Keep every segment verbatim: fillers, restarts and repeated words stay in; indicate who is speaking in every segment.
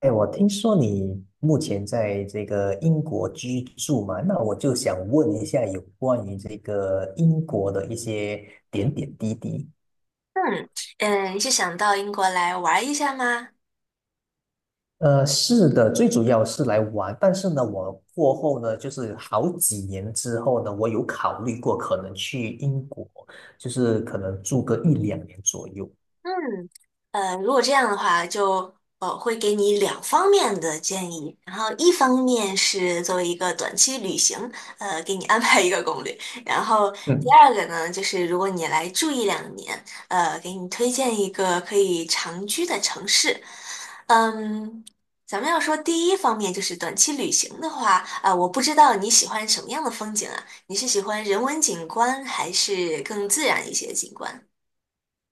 Speaker 1: 哎，我听说你目前在这个英国居住嘛，那我就想问一下有关于这个英国的一些点点滴滴。
Speaker 2: 嗯嗯，是想到英国来玩一下吗？
Speaker 1: 呃，是的，最主要是来玩，但是呢，我过后呢，就是好几年之后呢，我有考虑过可能去英国，就是可能住个一两年左右。
Speaker 2: 嗯，呃，如果这样的话，就呃会给你两方面的建议，然后一方面是作为一个短期旅行，呃，给你安排一个攻略，然后第
Speaker 1: 嗯。
Speaker 2: 二个呢，就是如果你来住一两年，呃，给你推荐一个可以长居的城市。嗯，咱们要说第一方面就是短期旅行的话，啊、我不知道你喜欢什么样的风景啊？你是喜欢人文景观还是更自然一些的景观？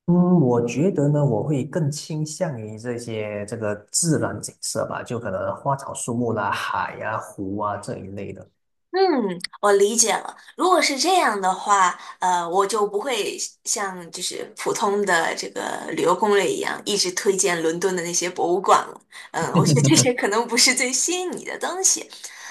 Speaker 1: 嗯，我觉得呢，我会更倾向于这些这个自然景色吧，就可能花草树木啦、海呀、湖啊这一类的。
Speaker 2: 嗯，我理解了。如果是这样的话，呃，我就不会像就是普通的这个旅游攻略一样，一直推荐伦敦的那些博物馆了。嗯，我觉得这些 可能不是最吸引你的东西。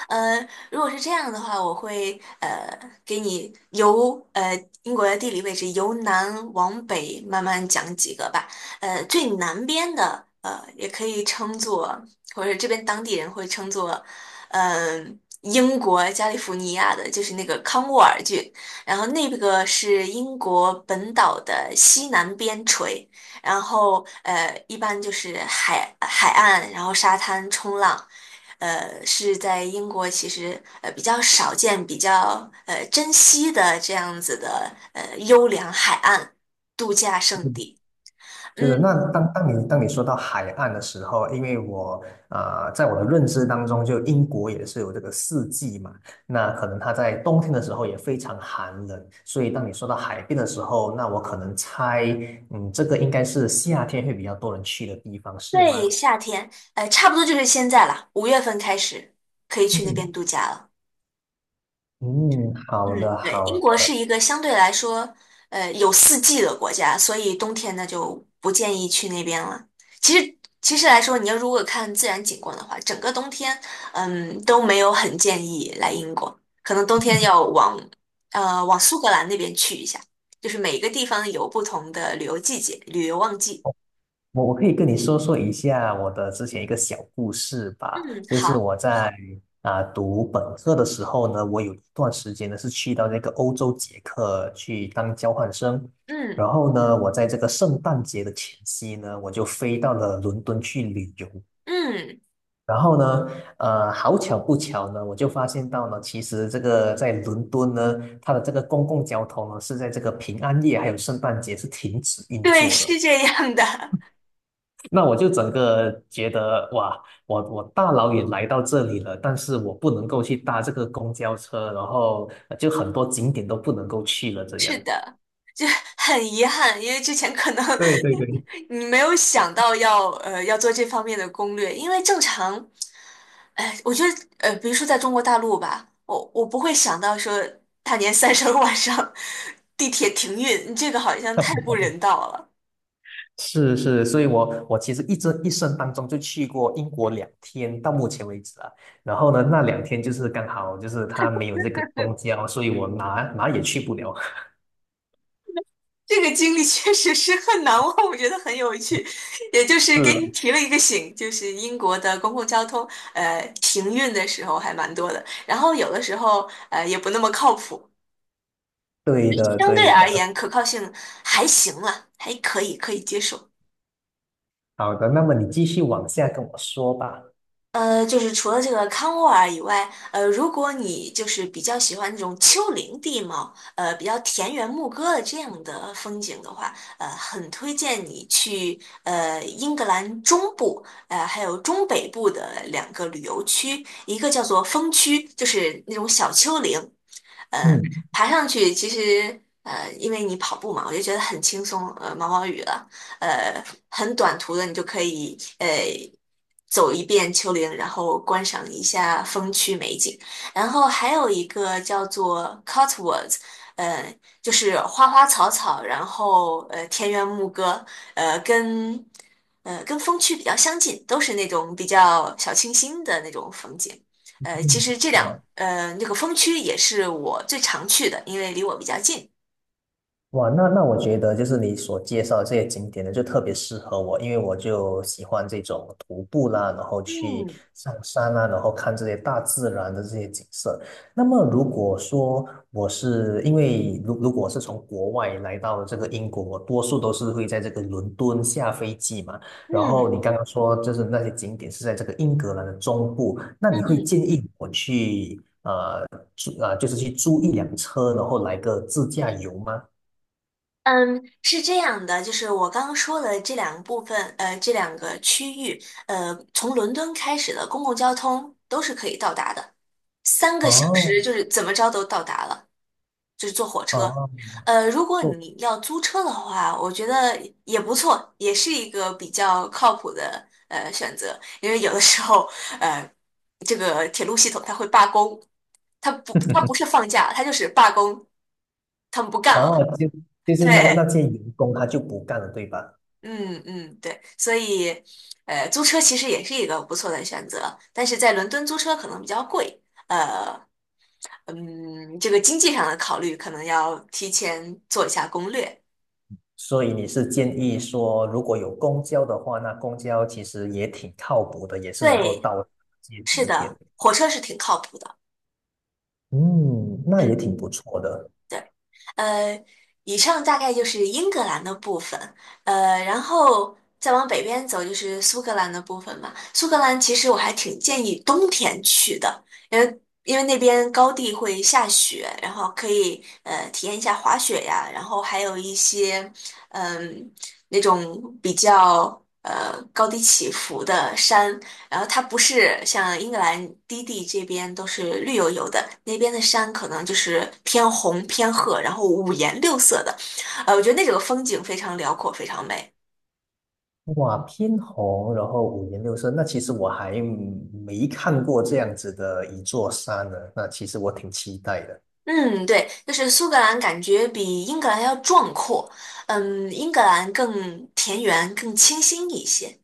Speaker 2: 呃，如果是这样的话，我会呃给你由呃英国的地理位置由南往北慢慢讲几个吧。呃，最南边的呃也可以称作，或者这边当地人会称作。呃英国加利福尼亚的，就是那个康沃尔郡，然后那个是英国本岛的西南边陲，然后呃，一般就是海海岸，然后沙滩冲浪，呃，是在英国其实呃比较少见、比较呃珍惜的这样子的呃优良海岸度假胜
Speaker 1: 嗯，
Speaker 2: 地。
Speaker 1: 就是那
Speaker 2: 嗯，
Speaker 1: 当当你当你说到海岸的时候，因为我呃，在我的认知当中，就英国也是有这个四季嘛，那可能它在冬天的时候也非常寒冷，所以当你说到海边的时候，那我可能猜，嗯，这个应该是夏天会比较多人去的地方，是吗？
Speaker 2: 对，夏天，呃，差不多就是现在了，五月份开始可以去那
Speaker 1: 嗯，
Speaker 2: 边度假了。
Speaker 1: 嗯，
Speaker 2: 嗯，
Speaker 1: 好的
Speaker 2: 对，
Speaker 1: 好
Speaker 2: 英国
Speaker 1: 的。
Speaker 2: 是一个相对来说，呃，有四季的国家，所以冬天呢就不建议去那边了。其实，其实来说，你要如果看自然景观的话，整个冬天，嗯，都没有很建议来英国，可能冬天要往，呃，往苏格兰那边去一下，就是每个地方有不同的旅游季节、旅游旺季。
Speaker 1: 我我可以跟你说说一下我的之前一个小故事
Speaker 2: 嗯，
Speaker 1: 吧，就是
Speaker 2: 好，
Speaker 1: 我在啊、读本科的时候呢，我有一段时间呢是去到那个欧洲捷克去当交换生，
Speaker 2: 嗯
Speaker 1: 然后呢，我在这个圣诞节的前夕呢，我就飞到了伦敦去旅游。
Speaker 2: 嗯，
Speaker 1: 然后呢，呃，好巧不巧呢，我就发现到呢，其实这个在伦敦呢，它的这个公共交通呢是在这个平安夜还有圣诞节是停止运
Speaker 2: 对，
Speaker 1: 作的。
Speaker 2: 是这样的。
Speaker 1: 那我就整个觉得哇，我我大老远来到这里了，但是我不能够去搭这个公交车，然后呃就很多景点都不能够去了，这样。
Speaker 2: 是的，就很遗憾，因为之前可能
Speaker 1: 对对对，
Speaker 2: 你没有想到要呃要做这方面的攻略，因为正常，哎，我觉得呃，比如说在中国大陆吧，我我不会想到说大年三十儿晚上地铁停运，这个好像太不人道了。
Speaker 1: 是是，所以我我其实一这一生当中就去过英国两天，到目前为止啊。然后呢，那两天就是刚好就是他没有这个公交，所以我哪哪也去不了。
Speaker 2: 这个经历确实是很难忘，我觉得很有趣，也就是给你
Speaker 1: 嗯，
Speaker 2: 提了一个醒，就是英国的公共交通呃停运的时候还蛮多的。然后有的时候呃也不那么靠谱，
Speaker 1: 对的，
Speaker 2: 相对
Speaker 1: 对
Speaker 2: 而言
Speaker 1: 的。
Speaker 2: 可靠性还行了，还可以，可以接受。
Speaker 1: 好的，那么你继续往下跟我说吧。
Speaker 2: 呃，就是除了这个康沃尔以外，呃，如果你就是比较喜欢这种丘陵地貌，呃，比较田园牧歌的这样的风景的话，呃，很推荐你去呃英格兰中部，呃，还有中北部的两个旅游区，一个叫做风区，就是那种小丘陵，嗯，
Speaker 1: 嗯
Speaker 2: 爬上去其实呃，因为你跑步嘛，我就觉得很轻松，呃，毛毛雨了，呃，很短途的你就可以呃走一遍丘陵，然后观赏一下风区美景。然后还有一个叫做 Cotwoods，呃，就是花花草草，然后呃田园牧歌，呃跟呃跟风区比较相近，都是那种比较小清新的那种风景。呃，其
Speaker 1: 嗯，
Speaker 2: 实这两呃那个风区也是我最常去的，因为离我比较近。
Speaker 1: 哇，那那我觉得就是你所介绍的这些景点呢，就特别适合我，因为我就喜欢这种徒步啦，然后去
Speaker 2: 嗯
Speaker 1: 上山啦，然后看这些大自然的这些景色。那么如果说我是因为如如果我是从国外来到这个英国，我多数都是会在这个伦敦下飞机嘛。然后
Speaker 2: 嗯
Speaker 1: 你刚刚说就是那些景点是在这个英格兰的中部，那你会建
Speaker 2: 嗯，
Speaker 1: 议我去租啊，就是去租一辆车，然后来个自驾游吗？
Speaker 2: 嗯，是这样的，就是我刚刚说的这两个部分，呃，这两个区域，呃，从伦敦开始的公共交通都是可以到达的，三个小
Speaker 1: 哦，
Speaker 2: 时就是怎么着都到达了，就是坐火车。
Speaker 1: 哦，
Speaker 2: 呃，如果
Speaker 1: 做
Speaker 2: 你要租车的话，我觉得也不错，也是一个比较靠谱的呃选择，因为有的时候，呃，这个铁路系统它会罢工，它不，它不是 放假，它就是罢工，他们不干
Speaker 1: 哦，
Speaker 2: 了。
Speaker 1: 就就是
Speaker 2: 对，
Speaker 1: 那那些员工他就不干了，对吧？
Speaker 2: 嗯嗯，对，所以，呃，租车其实也是一个不错的选择，但是在伦敦租车可能比较贵，嗯，这个经济上的考虑可能要提前做一下攻略。
Speaker 1: 所以你是建议说，如果有公交的话，那公交其实也挺靠谱的，也是能够
Speaker 2: 对，
Speaker 1: 到街
Speaker 2: 是
Speaker 1: 景点。
Speaker 2: 的，火车是挺靠谱的。
Speaker 1: 嗯，那也
Speaker 2: 嗯。
Speaker 1: 挺不错的。
Speaker 2: 对，呃，以上大概就是英格兰的部分，呃，然后再往北边走就是苏格兰的部分嘛。苏格兰其实我还挺建议冬天去的，因为因为那边高地会下雪，然后可以呃体验一下滑雪呀，然后还有一些嗯、那种比较呃高低起伏的山，然后它不是像英格兰低地这边都是绿油油的，那边的山可能就是偏红偏褐，然后五颜六色的，呃，我觉得那整个风景非常辽阔，非常美。
Speaker 1: 哇，偏红，然后五颜六色，那其实我还没看过这样子的一座山呢，那其实我挺期待的。
Speaker 2: 嗯，对，就是苏格兰感觉比英格兰要壮阔，嗯，英格兰更田园，更清新一些。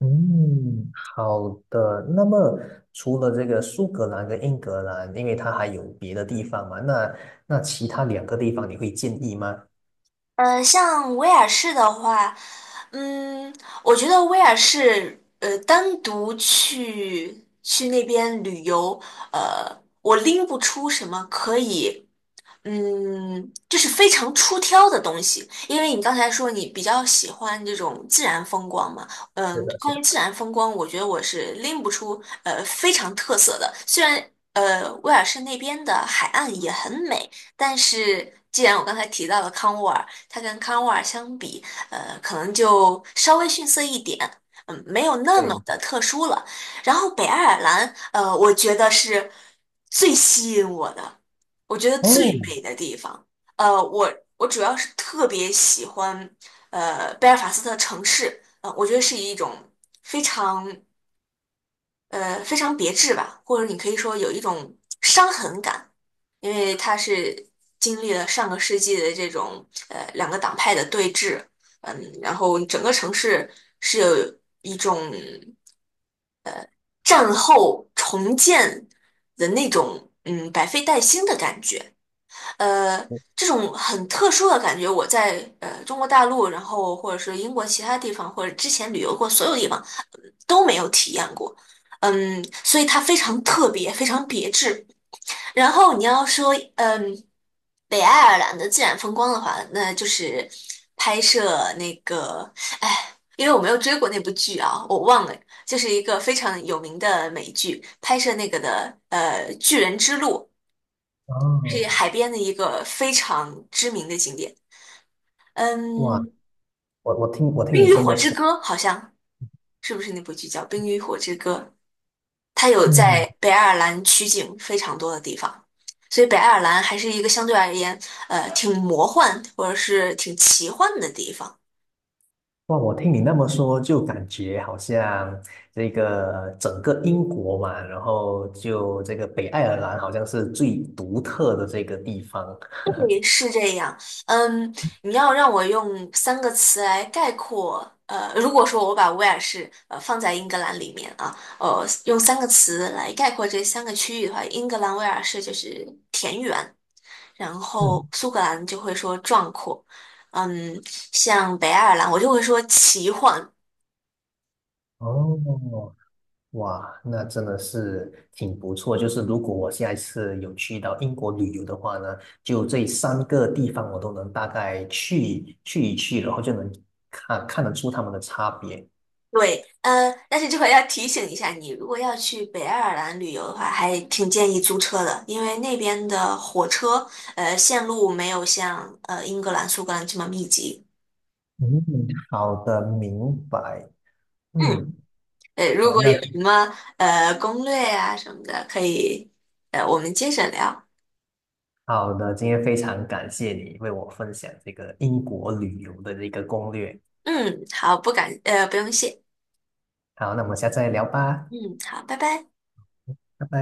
Speaker 1: 嗯，好的。那么除了这个苏格兰跟英格兰，因为它还有别的地方嘛，那那其他两个地方你会建议吗？
Speaker 2: 呃，像威尔士的话，嗯，我觉得威尔士，呃，单独去去那边旅游，呃，我拎不出什么可以。嗯，这是非常出挑的东西，因为你刚才说你比较喜欢这种自然风光嘛，
Speaker 1: 是
Speaker 2: 嗯，
Speaker 1: 的，是
Speaker 2: 关
Speaker 1: 的，
Speaker 2: 于自然风光，我觉得我是拎不出呃非常特色的，虽然呃威尔士那边的海岸也很美，但是既然我刚才提到了康沃尔，它跟康沃尔相比，呃，可能就稍微逊色一点，嗯，没有那么
Speaker 1: 对，
Speaker 2: 的特殊了。然后北爱尔兰，呃，我觉得是最吸引我的。我觉得
Speaker 1: 哦，
Speaker 2: 最美的地方，呃，我我主要是特别喜欢，呃，贝尔法斯特城市，呃，我觉得是一种非常呃非常别致吧，或者你可以说有一种伤痕感，因为它是经历了上个世纪的这种呃两个党派的对峙，嗯，然后整个城市是有一种战后重建的那种嗯百废待兴的感觉。呃，这种很特殊的感觉，我在呃中国大陆，然后或者是英国其他地方，或者之前旅游过所有地方呃都没有体验过。嗯，所以它非常特别，非常别致。然后你要说，嗯，北爱尔兰的自然风光的话，那就是拍摄那个，哎，因为我没有追过那部剧啊，我忘了，就是一个非常有名的美剧，拍摄那个的，呃，《巨人之路》。
Speaker 1: 啊，
Speaker 2: 是海边的一个非常知名的景点。
Speaker 1: 哇，
Speaker 2: 嗯，
Speaker 1: 我我听我听
Speaker 2: 《冰
Speaker 1: 你
Speaker 2: 与
Speaker 1: 这
Speaker 2: 火
Speaker 1: 么
Speaker 2: 之
Speaker 1: 说，
Speaker 2: 歌》好像是不是那部剧叫《冰与火之歌》？它有在
Speaker 1: 嗯，
Speaker 2: 北爱尔兰取景非常多的地方，所以北爱尔兰还是一个相对而言，呃，挺魔幻或者是挺奇幻的地方。
Speaker 1: 哇，我听你那么说，就感觉好像这个整个英国嘛，然后就这个北爱尔兰好像是最独特的这个地方。
Speaker 2: 对，是这样。嗯，你要让我用三个词来概括，呃，如果说我把威尔士呃放在英格兰里面啊，呃，用三个词来概括这三个区域的话，英格兰威尔士就是田园，然后
Speaker 1: 嗯，
Speaker 2: 苏格兰就会说壮阔，嗯，像北爱尔兰我就会说奇幻，
Speaker 1: 哦，哇，那真的是挺不错。就是如果我下一次有去到英国旅游的话呢，就这三个地方我都能大概去去一去，然后就能看看得出他们的差别。
Speaker 2: 对，呃，但是这块要提醒一下你，如果要去北爱尔兰旅游的话，还挺建议租车的，因为那边的火车，呃，线路没有像呃英格兰、苏格兰这么密集。
Speaker 1: 嗯，好的，明白。
Speaker 2: 嗯，
Speaker 1: 嗯，
Speaker 2: 呃，如
Speaker 1: 好，
Speaker 2: 果
Speaker 1: 那
Speaker 2: 有什么呃攻略啊什么的，可以，呃，我们接着聊。
Speaker 1: 好的，今天非常感谢你为我分享这个英国旅游的这个攻略。
Speaker 2: 嗯，好，不敢，呃，不用谢。
Speaker 1: 好，那我们下次再聊吧，
Speaker 2: 嗯，好，拜拜。
Speaker 1: 拜拜。